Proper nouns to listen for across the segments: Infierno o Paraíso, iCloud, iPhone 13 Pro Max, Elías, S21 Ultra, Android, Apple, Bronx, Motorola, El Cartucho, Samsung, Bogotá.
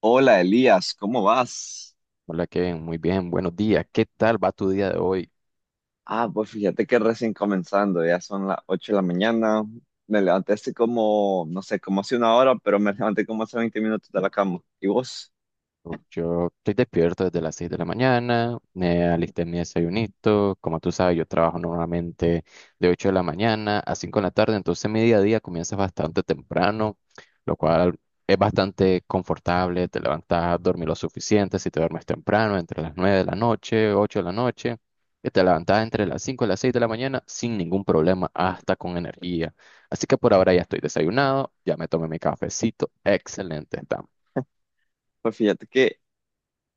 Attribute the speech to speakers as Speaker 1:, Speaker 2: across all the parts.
Speaker 1: Hola Elías, ¿cómo vas?
Speaker 2: Hola Kevin, muy bien, buenos días. ¿Qué tal va tu día de hoy?
Speaker 1: Ah, pues fíjate que recién comenzando, ya son las 8 de la mañana. Me levanté hace como, no sé, como hace una hora, pero me levanté como hace 20 minutos de la cama. ¿Y vos?
Speaker 2: Yo estoy despierto desde las 6 de la mañana, me alisté mi desayunito, como tú sabes, yo trabajo normalmente de 8 de la mañana a 5 de la tarde, entonces mi día a día comienza bastante temprano, lo cual es bastante confortable. Te levantas a dormir lo suficiente, si te duermes temprano, entre las 9 de la noche, 8 de la noche, y te levantas entre las 5 y las 6 de la mañana sin ningún problema, hasta con energía. Así que por ahora ya estoy desayunado, ya me tomé mi cafecito, excelente, estamos.
Speaker 1: Pues fíjate que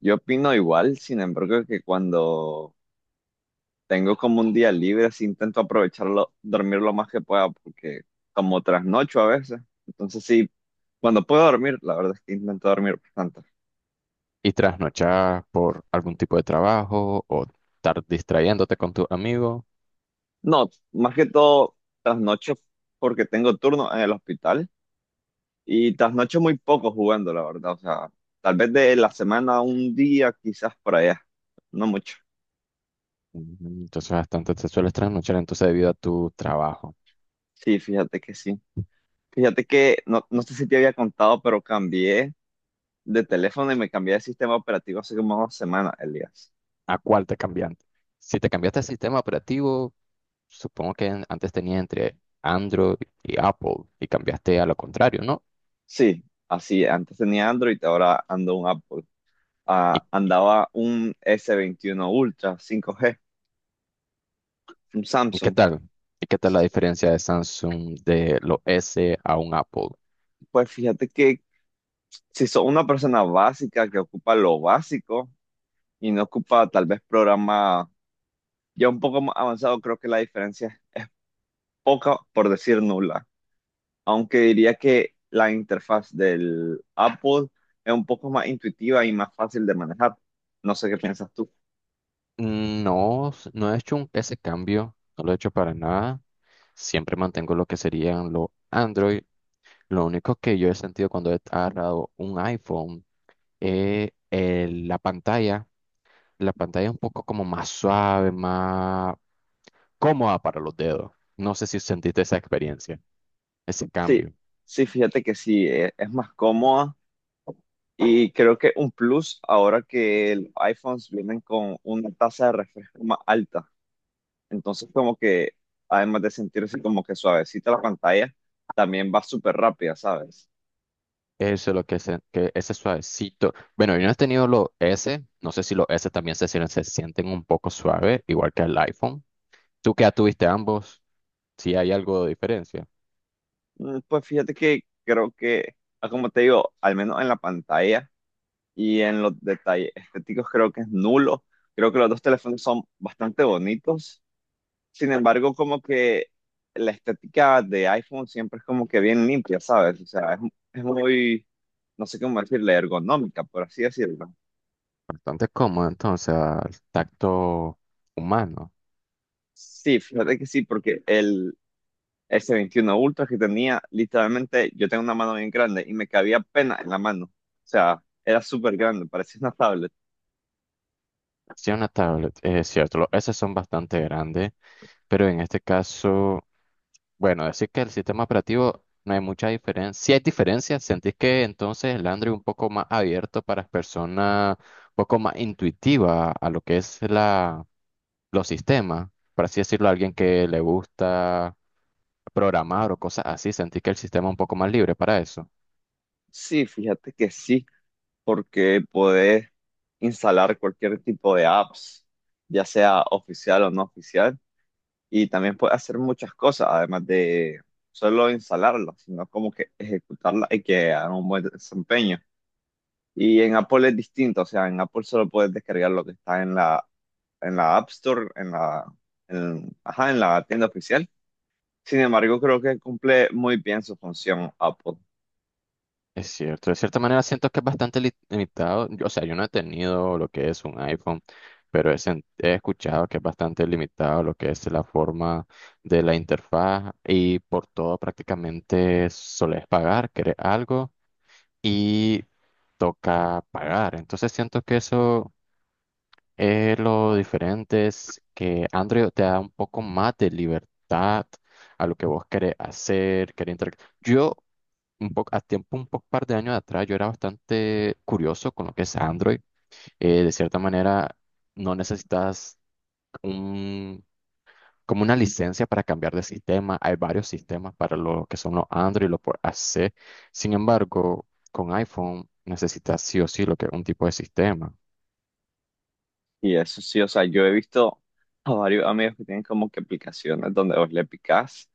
Speaker 1: yo opino igual, sin embargo, que cuando tengo como un día libre, sí intento aprovecharlo, dormir lo más que pueda, porque como trasnocho a veces. Entonces sí, cuando puedo dormir, la verdad es que intento dormir bastante.
Speaker 2: Y trasnochar por algún tipo de trabajo o estar distrayéndote con tus amigos.
Speaker 1: No, más que todo trasnocho porque tengo turno en el hospital. Y trasnocho muy poco jugando, la verdad. O sea, tal vez de la semana un día, quizás por allá. No mucho.
Speaker 2: Ujú. Entonces bastante te sueles trasnochar entonces debido a tu trabajo.
Speaker 1: Sí. Fíjate que no, no sé si te había contado, pero cambié de teléfono y me cambié de sistema operativo hace como 2 semanas, Elías.
Speaker 2: ¿A cuál te cambiaste? Si te cambiaste el sistema operativo, supongo que antes tenía entre Android y Apple, y cambiaste a lo contrario, ¿no?
Speaker 1: Sí, así. Antes tenía Android, ahora ando un Apple.
Speaker 2: ¿Y,
Speaker 1: Ah, andaba un S21 Ultra 5G, un
Speaker 2: y qué
Speaker 1: Samsung.
Speaker 2: tal? ¿Y qué tal la diferencia de Samsung de los S a un Apple?
Speaker 1: Pues fíjate que si sos una persona básica que ocupa lo básico y no ocupa tal vez programas ya un poco más avanzado, creo que la diferencia es poca, por decir nula. Aunque diría que la interfaz del Apple es un poco más intuitiva y más fácil de manejar. No sé qué piensas tú.
Speaker 2: No, no he hecho ese cambio, no lo he hecho para nada. Siempre mantengo lo que serían los Android. Lo único que yo he sentido cuando he agarrado un iPhone es la pantalla. La pantalla es un poco como más suave, más cómoda para los dedos. No sé si sentiste esa experiencia, ese
Speaker 1: Sí,
Speaker 2: cambio.
Speaker 1: sí, fíjate que sí, es más cómoda y creo que un plus ahora que los iPhones vienen con una tasa de refresco más alta. Entonces, como que además de sentirse como que suavecita la pantalla, también va súper rápida, ¿sabes?
Speaker 2: Eso es lo que, que ese suavecito. Bueno, yo no he tenido los S. No sé si los S también se sienten un poco suaves, igual que el iPhone. Tú que ya tuviste ambos, si hay algo de diferencia.
Speaker 1: Pues fíjate que creo que, como te digo, al menos en la pantalla y en los detalles estéticos creo que es nulo. Creo que los dos teléfonos son bastante bonitos. Sin embargo, como que la estética de iPhone siempre es como que bien limpia, ¿sabes? O sea, es muy, no sé cómo decirle, ergonómica, por así decirlo.
Speaker 2: Bastante cómodo entonces al tacto humano.
Speaker 1: Sí, fíjate que sí, porque el S21 Ultra que tenía, literalmente, yo tengo una mano bien grande y me cabía pena en la mano. O sea, era súper grande, parecía una tablet.
Speaker 2: Sí, una tablet, es cierto. Esas son bastante grandes, pero en este caso, bueno, decir que el sistema operativo no hay mucha diferencia. Sí hay diferencias. ¿Sentís que entonces el Android un poco más abierto para las personas, un poco más intuitiva a lo que es los sistemas? Por así decirlo, a alguien que le gusta programar o cosas así, ¿sentís que el sistema es un poco más libre para eso?
Speaker 1: Sí, fíjate que sí, porque podés instalar cualquier tipo de apps, ya sea oficial o no oficial, y también puedes hacer muchas cosas, además de solo instalarlas, sino como que ejecutarlas y que hagan un buen desempeño. Y en Apple es distinto, o sea, en Apple solo puedes descargar lo que está en la, App Store, ajá, en la tienda oficial. Sin embargo, creo que cumple muy bien su función Apple.
Speaker 2: Es cierto, de cierta manera siento que es bastante limitado. O sea, yo no he tenido lo que es un iPhone, pero he escuchado que es bastante limitado lo que es la forma de la interfaz, y por todo prácticamente solés pagar, querés algo y toca pagar. Entonces siento que eso es lo diferente, es que Android te da un poco más de libertad a lo que vos querés hacer, querés interactuar un poco, a tiempo, un poco, par de años atrás, yo era bastante curioso con lo que es Android. De cierta manera, no necesitas un, como una licencia para cambiar de sistema. Hay varios sistemas para lo que son los Android y los por AC. Sin embargo, con iPhone necesitas sí o sí lo que es un tipo de sistema.
Speaker 1: Y eso sí, o sea, yo he visto a varios amigos que tienen como que aplicaciones donde vos le picás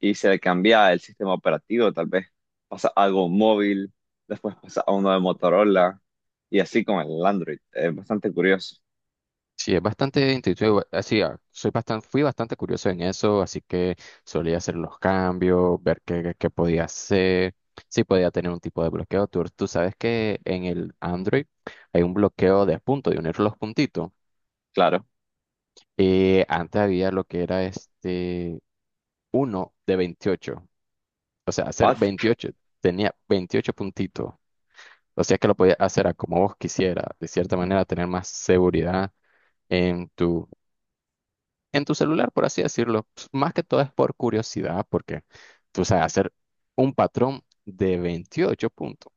Speaker 1: y se le cambia el sistema operativo, tal vez pasa algo móvil, después pasa a uno de Motorola y así con el Android. Es bastante curioso,
Speaker 2: Sí, es bastante intuitivo. Así, soy bastante, fui bastante curioso en eso, así que solía hacer los cambios, ver qué podía hacer, si podía tener un tipo de bloqueo. Tú sabes que en el Android hay un bloqueo de puntos, de unir los puntitos.
Speaker 1: claro.
Speaker 2: Antes había lo que era este uno de 28, o sea, hacer
Speaker 1: ¿What?
Speaker 2: 28, tenía 28 puntitos. O sea, que lo podía hacer a como vos quisieras, de cierta manera, tener más seguridad en tu en tu celular, por así decirlo. Pues, más que todo es por curiosidad, porque tú sabes hacer un patrón de 28 puntos.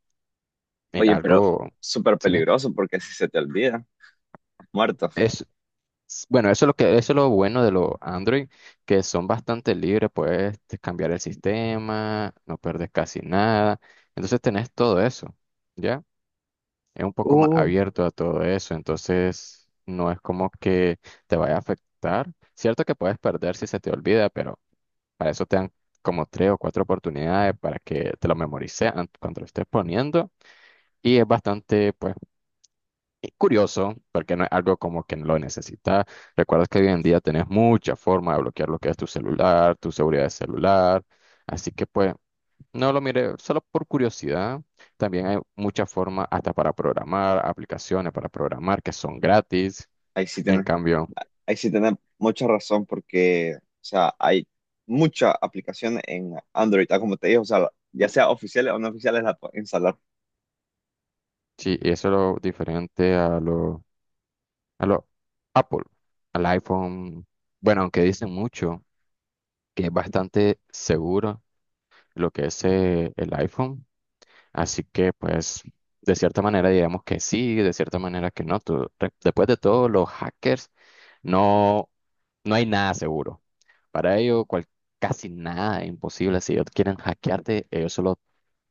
Speaker 2: Es
Speaker 1: Oye, pero
Speaker 2: algo,
Speaker 1: súper
Speaker 2: ¿sí?
Speaker 1: peligroso porque si se te olvida, muerto.
Speaker 2: Es, bueno, eso es lo que, eso es lo bueno de los Android, que son bastante libres, puedes cambiar el sistema, no perdes casi nada. Entonces tenés todo eso, ¿ya? Es un poco más
Speaker 1: Uh,
Speaker 2: abierto a todo eso, entonces no es como que te vaya a afectar. Cierto que puedes perder si se te olvida, pero para eso te dan como tres o cuatro oportunidades para que te lo memorices cuando lo estés poniendo. Y es bastante, pues, curioso, porque no es algo como que lo necesitas. Recuerda que hoy en día tenés mucha forma de bloquear lo que es tu celular, tu seguridad de celular. Así que, pues, no lo mire solo por curiosidad. También hay muchas formas hasta para programar, aplicaciones para programar que son gratis.
Speaker 1: Ahí sí
Speaker 2: En
Speaker 1: tenés,
Speaker 2: cambio,
Speaker 1: ahí sí tenés mucha razón porque, o sea, hay muchas aplicaciones en Android, como te dije, o sea, ya sea oficiales o no oficiales, las puedes instalar.
Speaker 2: sí, y eso es lo diferente a lo Apple, al iPhone. Bueno, aunque dicen mucho que es bastante seguro lo que es el iPhone, así que pues de cierta manera digamos que sí, de cierta manera que no. Después de todo, los hackers no, no hay nada seguro. Para ellos casi nada es imposible. Si ellos quieren hackearte, ellos solo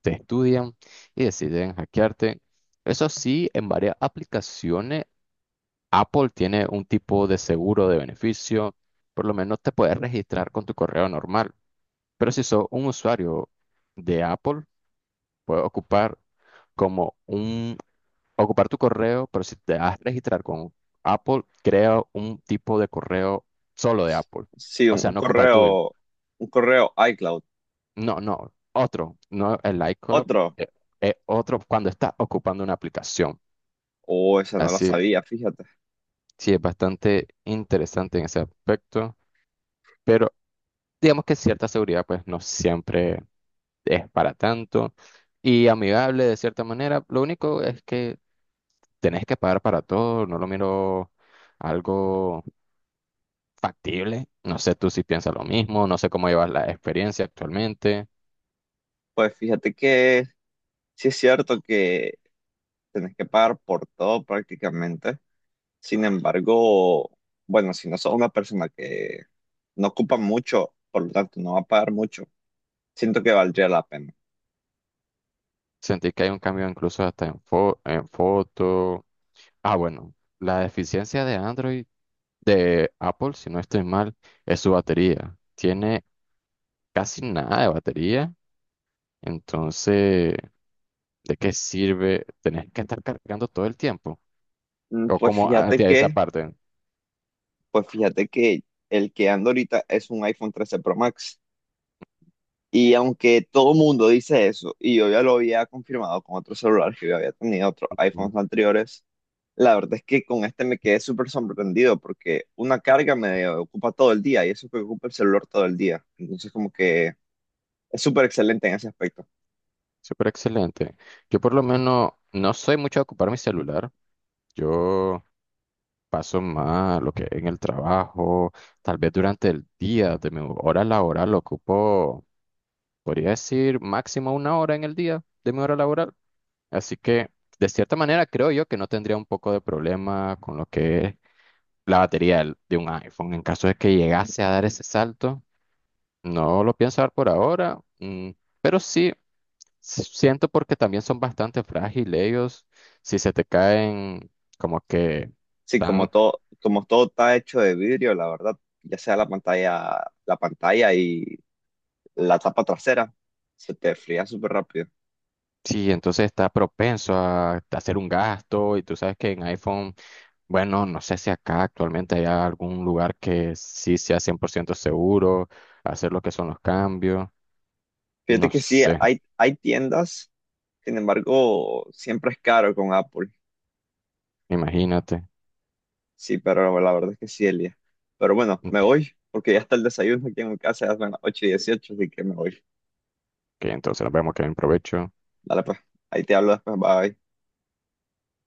Speaker 2: te estudian y deciden hackearte. Eso sí, en varias aplicaciones Apple tiene un tipo de seguro de beneficio, por lo menos te puedes registrar con tu correo normal, pero si sos un usuario de Apple, puedes ocupar como un, ocupar tu correo, pero si te vas a registrar con Apple, crea un tipo de correo solo de Apple,
Speaker 1: Sí,
Speaker 2: o
Speaker 1: un,
Speaker 2: sea,
Speaker 1: un
Speaker 2: no ocupa el tuyo,
Speaker 1: correo, un correo iCloud.
Speaker 2: no, no, otro, no el iCloud,
Speaker 1: Otro,
Speaker 2: eh, otro cuando estás ocupando una aplicación,
Speaker 1: oh, esa no la
Speaker 2: así,
Speaker 1: sabía, fíjate.
Speaker 2: sí, es bastante interesante en ese aspecto. Pero digamos que cierta seguridad pues no siempre es para tanto y amigable de cierta manera. Lo único es que tenés que pagar para todo, no lo miro algo factible. No sé tú si piensas lo mismo, no sé cómo llevas la experiencia actualmente.
Speaker 1: Pues fíjate que sí es cierto que tenés que pagar por todo prácticamente. Sin embargo, bueno, si no sos una persona que no ocupa mucho, por lo tanto no va a pagar mucho, siento que valdría la pena.
Speaker 2: Sentí que hay un cambio incluso hasta en foto. Ah, bueno, la deficiencia de Android de Apple, si no estoy mal, es su batería. Tiene casi nada de batería. Entonces, ¿de qué sirve tener que estar cargando todo el tiempo?
Speaker 1: Mm,
Speaker 2: O
Speaker 1: Pues
Speaker 2: como
Speaker 1: fíjate
Speaker 2: hacia esa
Speaker 1: que,
Speaker 2: parte.
Speaker 1: pues fíjate que el que ando ahorita es un iPhone 13 Pro Max. Y aunque todo mundo dice eso, y yo ya lo había confirmado con otros celulares que yo había tenido, otros
Speaker 2: Ujú.
Speaker 1: iPhones anteriores, la verdad es que con este me quedé súper sorprendido porque una carga me ocupa todo el día y eso que ocupa el celular todo el día. Entonces como que es súper excelente en ese aspecto.
Speaker 2: Súper excelente. Yo por lo menos no soy mucho de ocupar mi celular. Yo paso más lo que en el trabajo, tal vez durante el día, de mi hora laboral lo ocupo, podría decir máximo 1 hora en el día de mi hora laboral. Así que, de cierta manera, creo yo que no tendría un poco de problema con lo que es la batería de un iPhone. En caso de que llegase a dar ese salto, no lo pienso dar por ahora, pero sí siento porque también son bastante frágiles ellos. Si se te caen, como que
Speaker 1: Sí, como
Speaker 2: tan,
Speaker 1: todo, como todo está hecho de vidrio, la verdad, ya sea la pantalla, y la tapa trasera, se te fría súper rápido.
Speaker 2: sí, entonces está propenso a hacer un gasto y tú sabes que en iPhone, bueno, no sé si acá actualmente hay algún lugar que sí sea 100% seguro, hacer lo que son los cambios,
Speaker 1: Fíjate
Speaker 2: no
Speaker 1: que sí,
Speaker 2: sé,
Speaker 1: hay tiendas. Sin embargo, siempre es caro con Apple.
Speaker 2: imagínate.
Speaker 1: Sí, pero la verdad es que sí, Elia. Pero bueno, me
Speaker 2: Ent-
Speaker 1: voy porque ya está el desayuno aquí en mi casa, ya son las 8 y dieciocho, así que me voy.
Speaker 2: Que entonces nos vemos que en provecho.
Speaker 1: Dale pues, ahí te hablo después, bye.